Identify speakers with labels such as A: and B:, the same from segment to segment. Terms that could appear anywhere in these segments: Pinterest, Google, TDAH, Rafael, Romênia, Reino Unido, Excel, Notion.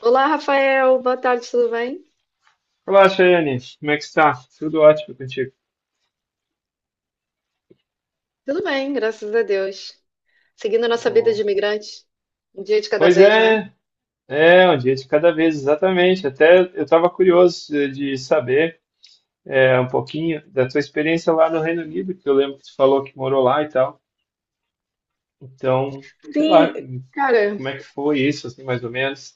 A: Olá, Rafael. Boa tarde, tudo bem?
B: Olá, Chayane. Como é que está? Tudo ótimo contigo?
A: Tudo bem, graças a Deus. Seguindo a nossa vida de
B: Oh.
A: imigrante, um dia de cada
B: Pois
A: vez, né?
B: é, é um dia de cada vez, exatamente. Até eu estava curioso de saber um pouquinho da tua experiência lá no Reino Unido, que eu lembro que tu falou que morou lá e tal. Então, sei
A: Sim,
B: lá,
A: cara,
B: como é que foi isso, assim, mais ou menos?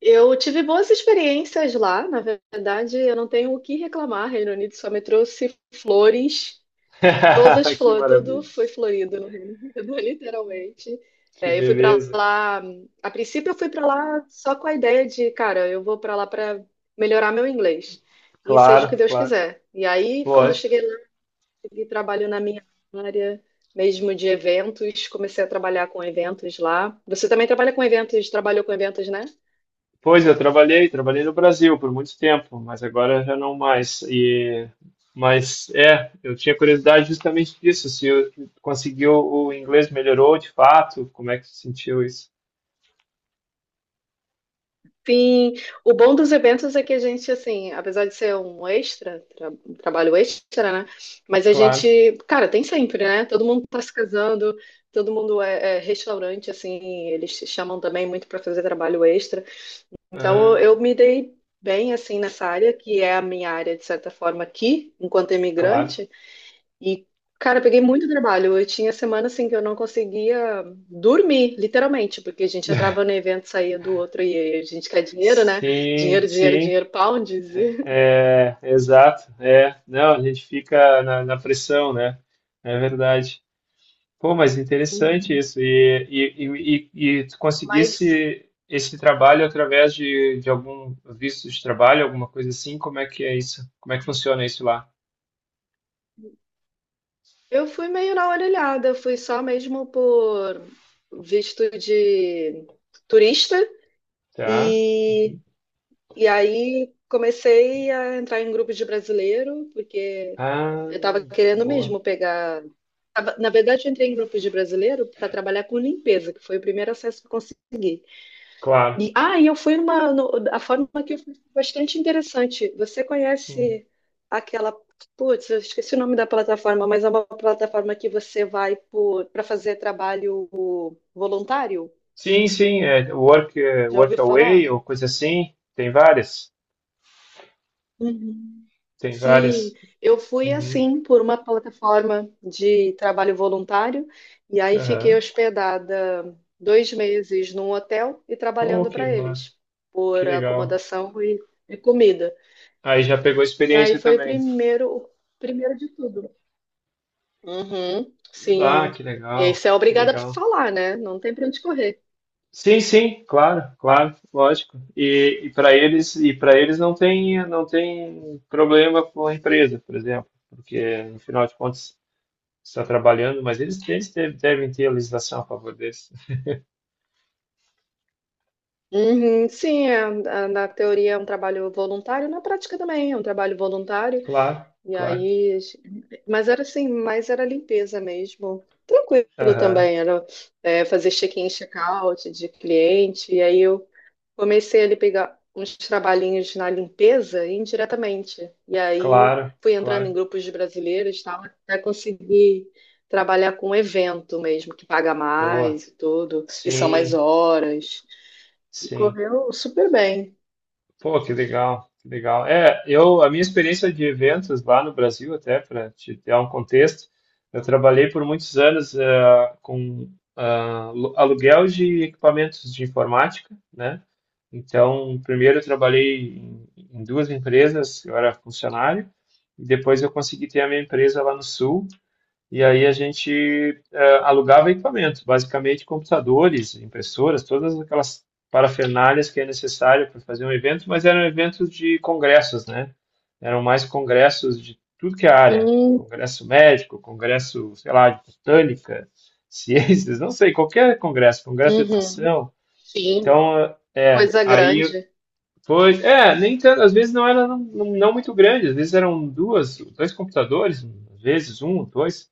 A: eu tive boas experiências lá, na verdade, eu não tenho o que reclamar. Reino Unido só me trouxe flores, todas
B: Que
A: flores,
B: maravilha,
A: tudo foi florido no Reino Unido, literalmente.
B: que
A: É, eu fui pra
B: beleza.
A: lá, a princípio eu fui pra lá só com a ideia de, cara, eu vou pra lá pra melhorar meu inglês. E seja o que
B: Claro,
A: Deus quiser. E aí, quando eu
B: claro.
A: cheguei segui trabalhando na minha área, mesmo de eventos, comecei a trabalhar com eventos lá. Você também trabalha com eventos, trabalhou com eventos, né?
B: Pois eu trabalhei, trabalhei no Brasil por muito tempo, mas agora já não mais. E mas eu tinha curiosidade justamente disso, se eu conseguiu o inglês melhorou de fato, como é que você sentiu isso?
A: Sim, o bom dos eventos é que a gente, assim, apesar de ser um extra, um trabalho extra, né? Mas a
B: Claro.
A: gente, cara, tem sempre, né? Todo mundo tá se casando, todo mundo é, é restaurante, assim, eles te chamam também muito para fazer trabalho extra. Então,
B: Ah,
A: eu me dei bem, assim, nessa área, que é a minha área, de certa forma, aqui, enquanto
B: claro.
A: imigrante. E, cara, eu peguei muito trabalho. Eu tinha semana assim que eu não conseguia dormir, literalmente, porque a gente entrava no evento, saía do outro e a gente quer dinheiro, né?
B: Sim,
A: Dinheiro, dinheiro,
B: sim.
A: dinheiro, pounds. E-
B: É, exato. É, não, a gente fica na pressão, né? É verdade. Pô, mas interessante
A: Hum.
B: isso. E tu
A: Mas
B: conseguisse esse trabalho através de algum visto de trabalho, alguma coisa assim? Como é que é isso? Como é que funciona isso lá?
A: eu fui meio na orelhada, eu fui só mesmo por visto de turista.
B: Tá.
A: E
B: Uhum.
A: e aí comecei a entrar em grupos de brasileiro, porque
B: Ah,
A: eu estava querendo
B: boa.
A: mesmo pegar. Na verdade, eu entrei em grupos de brasileiro para trabalhar com limpeza, que foi o primeiro acesso que eu consegui. E,
B: Claro.
A: ah, e eu fui numa. A forma que eu fui foi bastante interessante. Você
B: Hum.
A: conhece aquela. Putz, eu esqueci o nome da plataforma, mas é uma plataforma que você vai para fazer trabalho voluntário?
B: Sim, sim. É,
A: Já
B: work
A: ouviu falar?
B: away ou coisa assim. Tem várias.
A: Uhum.
B: Tem
A: Sim,
B: várias.
A: eu fui
B: Uhum.
A: assim por uma plataforma de trabalho voluntário e aí fiquei
B: Aham.
A: hospedada dois meses num hotel e
B: Pô,
A: trabalhando
B: que
A: para
B: massa.
A: eles
B: Que
A: por
B: legal.
A: acomodação e comida.
B: Aí já pegou
A: E aí
B: experiência
A: foi
B: também.
A: o primeiro de tudo. Uhum,
B: Ah,
A: sim.
B: que
A: E aí
B: legal.
A: você é
B: Que
A: obrigada a
B: legal.
A: falar, né? Não tem para onde correr.
B: Sim, sim, claro, claro, lógico. E para eles não tem, não tem problema com a empresa, por exemplo, porque no final de contas está trabalhando, mas eles deve- devem ter a legislação a favor deles.
A: Uhum, sim, é, na teoria é um trabalho voluntário, na prática também é um trabalho voluntário.
B: Claro,
A: E
B: claro.
A: aí, mas era assim, mas era limpeza mesmo. Tranquilo
B: Aham,
A: também, era é, fazer check-in, check-out de cliente. E aí eu comecei ali pegar uns trabalhinhos na limpeza indiretamente. E aí
B: claro,
A: fui entrando em
B: claro.
A: grupos de brasileiros, e tal, até conseguir trabalhar com evento mesmo, que paga
B: Boa.
A: mais e tudo, e são mais
B: Sim,
A: horas. E
B: sim.
A: correu super bem.
B: Pô, que legal, que legal. É, a minha experiência de eventos lá no Brasil, até para te dar um contexto, eu trabalhei por muitos anos com aluguel de equipamentos de informática, né? Então, primeiro eu trabalhei em duas empresas, eu era funcionário, e depois eu consegui ter a minha empresa lá no Sul, e aí a gente alugava equipamentos, basicamente computadores, impressoras, todas aquelas parafernálias que é necessário para fazer um evento, mas eram eventos de congressos, né? Eram mais congressos de tudo que é área,
A: Hum,
B: congresso médico, congresso, sei lá, de botânica, ciências, não sei, qualquer congresso, congresso de
A: uhum,
B: educação.
A: sim,
B: Então,
A: coisa
B: aí
A: grande.
B: pois, é, nem tanto, às vezes não era não, não muito grande, às vezes eram duas, dois computadores, às vezes um, dois,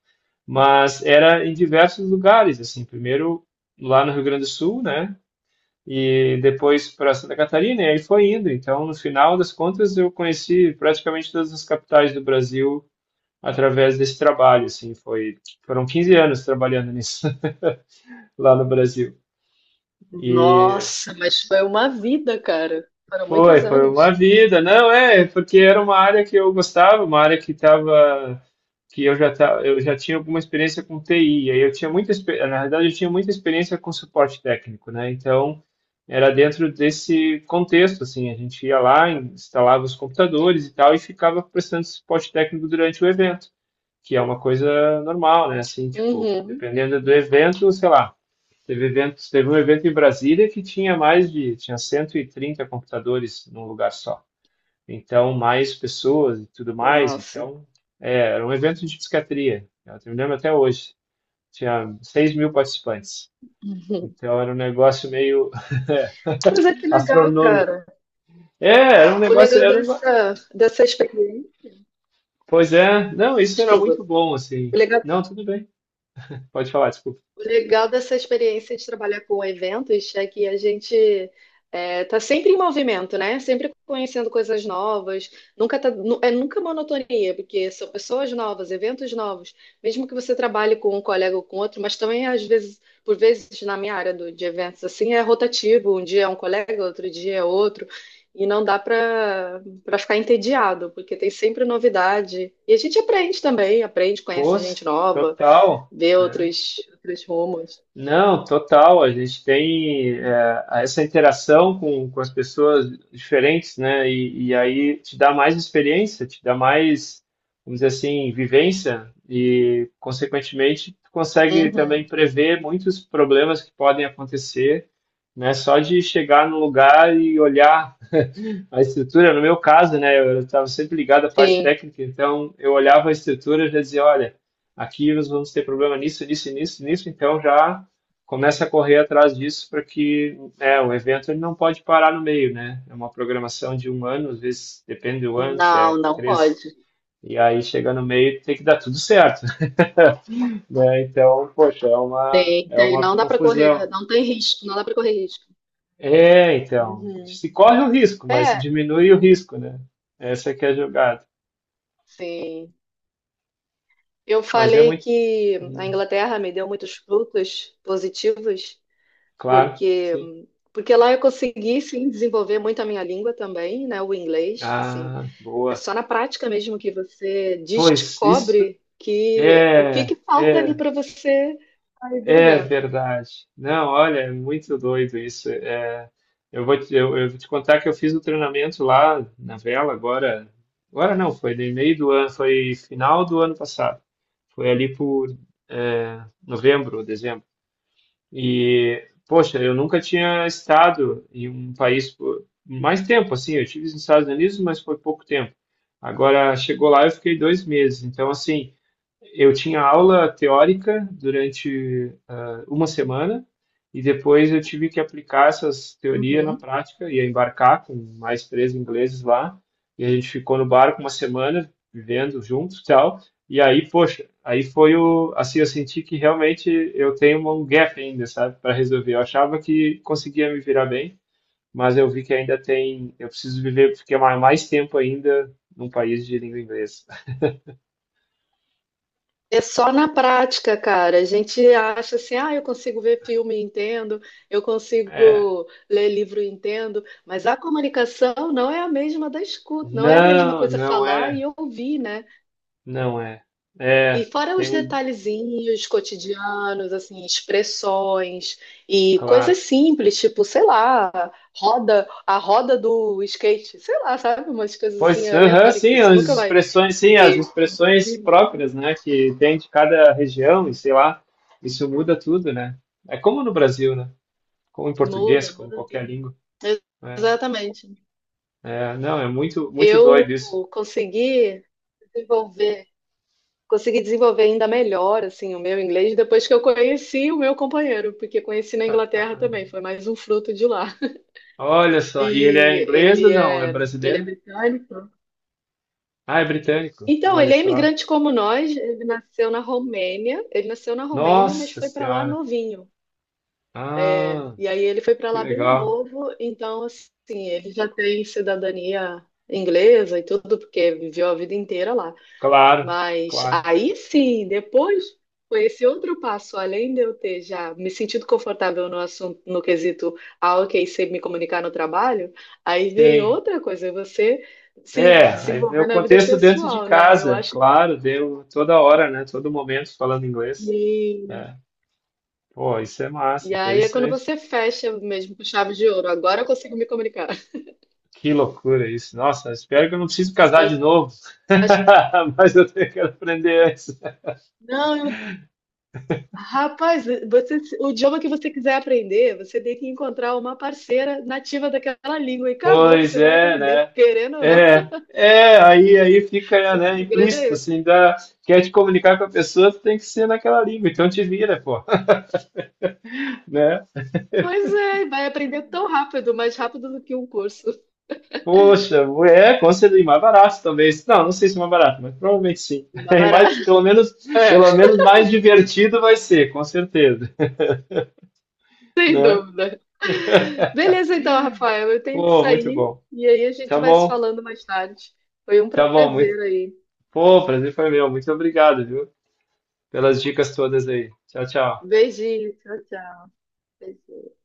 B: mas era em diversos lugares, assim, primeiro lá no Rio Grande do Sul, né, e depois para Santa Catarina, e aí foi indo, então no final das contas eu conheci praticamente todas as capitais do Brasil através desse trabalho, assim, foi, foram 15 anos trabalhando nisso lá no Brasil. E
A: Nossa, mas foi uma vida, cara. Foram
B: Foi,
A: muitos
B: foi uma
A: anos.
B: vida. Não, porque era uma área que eu gostava, uma área que eu já tava, eu já tinha alguma experiência com TI. Aí eu tinha muita, expe- na verdade, eu tinha muita experiência com suporte técnico, né? Então, era dentro desse contexto, assim, a gente ia lá, instalava os computadores e tal, e ficava prestando suporte técnico durante o evento, que é uma coisa normal, né? Assim, tipo,
A: Uhum.
B: dependendo do evento, sei lá. Teve evento, teve um evento em Brasília que tinha tinha 130 computadores num lugar só. Então, mais pessoas e tudo mais.
A: Nossa.
B: Então, era um evento de psiquiatria. Eu me lembro até hoje. Tinha 6 mil participantes.
A: Uhum.
B: Então, era um negócio meio
A: Pois é, que legal,
B: astronômico.
A: cara.
B: Era um
A: O
B: negócio,
A: legal
B: era um...
A: dessa, dessa experiência.
B: Pois é, não, isso era
A: Desculpa.
B: muito bom,
A: O
B: assim.
A: legal,
B: Não, tudo bem. Pode falar, desculpa.
A: o legal dessa experiência de trabalhar com eventos é que a gente é, tá sempre em movimento, né? Sempre conhecendo coisas novas. Nunca tá, é nunca monotonia, porque são pessoas novas, eventos novos. Mesmo que você trabalhe com um colega ou com outro, mas também às vezes, por vezes na minha área de eventos assim, é rotativo. Um dia é um colega, outro dia é outro. E não dá para ficar entediado, porque tem sempre novidade. E a gente aprende também, aprende, conhece
B: Pois,
A: gente nova,
B: total.
A: ver
B: Né?
A: outros, outros rumos.
B: Não, total. A gente tem essa interação com as pessoas diferentes, né? E aí te dá mais experiência, te dá mais, vamos dizer assim, vivência e, consequentemente, tu consegue também
A: Uhum.
B: prever muitos problemas que podem acontecer, né? Só de chegar no lugar e olhar a estrutura, no meu caso, né, eu estava sempre ligado à parte
A: Sim.
B: técnica, então eu olhava a estrutura e já dizia, olha, aqui nós vamos ter problema nisso, nisso, nisso, nisso, então já começa a correr atrás disso para que, né, o evento ele não pode parar no meio, né? É uma programação de um ano, às vezes depende do ano, se
A: Não,
B: é
A: não
B: três,
A: pode.
B: e aí chega no meio tem que dar tudo certo, né? Então, poxa, é
A: Então,
B: uma
A: não dá para correr,
B: confusão.
A: não tem risco, não dá para correr risco.
B: É, então,
A: Uhum.
B: se corre o risco, mas
A: É,
B: diminui o risco, né? Essa que é a jogada.
A: sim. Eu
B: Mas é
A: falei
B: muito.
A: que a
B: Hum,
A: Inglaterra me deu muitos frutos positivos,
B: claro,
A: porque
B: sim.
A: lá eu consegui sim desenvolver muito a minha língua também, né, o inglês, assim.
B: Ah,
A: É
B: boa.
A: só na prática mesmo que você
B: Pois isso
A: descobre que o que
B: é,
A: que falta ali
B: é,
A: para você sair do
B: é
A: lugar.
B: verdade. Não, olha, é muito doido isso. Eu vou te contar que eu fiz o treinamento lá na vela agora. Agora não, foi no meio do ano, foi final do ano passado. Foi ali por novembro, dezembro. E, poxa, eu nunca tinha estado em um país por mais tempo, assim. Eu estive nos Estados Unidos, mas foi pouco tempo. Agora, chegou lá, eu fiquei 2 meses. Então, assim, eu tinha aula teórica durante uma semana e depois eu tive que aplicar essas teorias na prática, ia embarcar com mais três ingleses lá e a gente ficou no barco uma semana vivendo juntos e tal. E aí, poxa, aí foi o assim eu senti que realmente eu tenho um gap ainda, sabe, para resolver. Eu achava que conseguia me virar bem, mas eu vi que ainda tem, eu preciso viver, ficar mais tempo ainda num país de língua inglesa.
A: É só na prática, cara. A gente acha assim, ah, eu consigo ver filme, e entendo, eu
B: É,
A: consigo ler livro, e entendo, mas a comunicação não é a mesma da escuta, não é a mesma
B: não,
A: coisa
B: não
A: falar e
B: é.
A: ouvir, né?
B: Não é.
A: E
B: É,
A: fora
B: tem
A: os
B: um,
A: detalhezinhos cotidianos, assim, expressões e coisas
B: claro.
A: simples, tipo, sei lá, roda, a roda do skate, sei lá, sabe? Umas coisas assim
B: Pois, aham,
A: aleatórias que você nunca vai
B: sim, as
A: ver.
B: expressões próprias, né, que tem de cada região, e sei lá, isso muda tudo, né? É como no Brasil, né? Como em português,
A: Muda,
B: como
A: muda
B: qualquer
A: tudo.
B: língua. Né?
A: Exatamente.
B: É, não, é muito, muito
A: Eu
B: doido isso.
A: consegui desenvolver, consegui desenvolver ainda melhor assim o meu inglês depois que eu conheci o meu companheiro, porque conheci na
B: Ah, ah,
A: Inglaterra
B: ah.
A: também, foi mais um fruto de lá.
B: Olha só,
A: E
B: e ele é inglês ou não? É
A: ele é
B: brasileiro?
A: britânico.
B: Ah, é britânico.
A: Então,
B: Olha
A: ele é
B: só.
A: imigrante como nós, ele nasceu na Romênia, ele nasceu na Romênia, mas
B: Nossa
A: foi para lá
B: Senhora.
A: novinho. É,
B: Ah,
A: e aí ele foi para
B: que
A: lá bem
B: legal.
A: novo, então assim, ele já tem cidadania inglesa e tudo, porque viveu a vida inteira lá.
B: Claro,
A: Mas
B: claro.
A: aí sim, depois foi esse outro passo, além de eu ter já me sentido confortável no assunto, no quesito, ah, ok, sei me comunicar no trabalho, aí vem
B: Sim.
A: outra coisa, você se
B: É, aí é
A: desenvolver
B: o
A: na vida
B: contexto dentro de
A: pessoal, né? Eu
B: casa,
A: acho que.
B: claro, deu toda hora, né? Todo momento falando inglês. É. Pô, isso é
A: E
B: massa,
A: aí é quando
B: interessante.
A: você fecha mesmo com chave de ouro, agora eu consigo me comunicar.
B: Que loucura isso. Nossa, espero que eu não precise casar de
A: Acho,
B: novo.
A: acho...
B: Mas eu tenho que aprender antes.
A: Não, rapaz, você, o idioma que você quiser aprender, você tem que encontrar uma parceira nativa daquela língua e acabou,
B: Pois
A: você vai
B: é,
A: aprender,
B: né?
A: querendo ou não.
B: É, é, aí fica,
A: O
B: né,
A: segredo é
B: implícito,
A: esse.
B: assim, dá, quer te comunicar com a pessoa, tu tem que ser naquela língua, então te vira, pô, né?
A: Pois é, vai aprender tão rápido, mais rápido do que um curso.
B: Poxa, com certeza, e mais barato talvez. Não, não sei se é mais barato, mas provavelmente sim.
A: Dá
B: E
A: barato.
B: mais,
A: É,
B: pelo menos mais divertido vai ser, com certeza,
A: sem
B: né?
A: dúvida. Beleza, então, Rafael, eu tenho que
B: Pô, muito
A: sair
B: bom.
A: e aí a
B: Tá
A: gente vai se
B: bom,
A: falando mais tarde. Foi um
B: tá bom, muito.
A: prazer aí.
B: Pô, o prazer foi meu. Muito obrigado, viu, pelas dicas todas aí. Tchau, tchau.
A: Beijinho, tchau, tchau. Beijinho.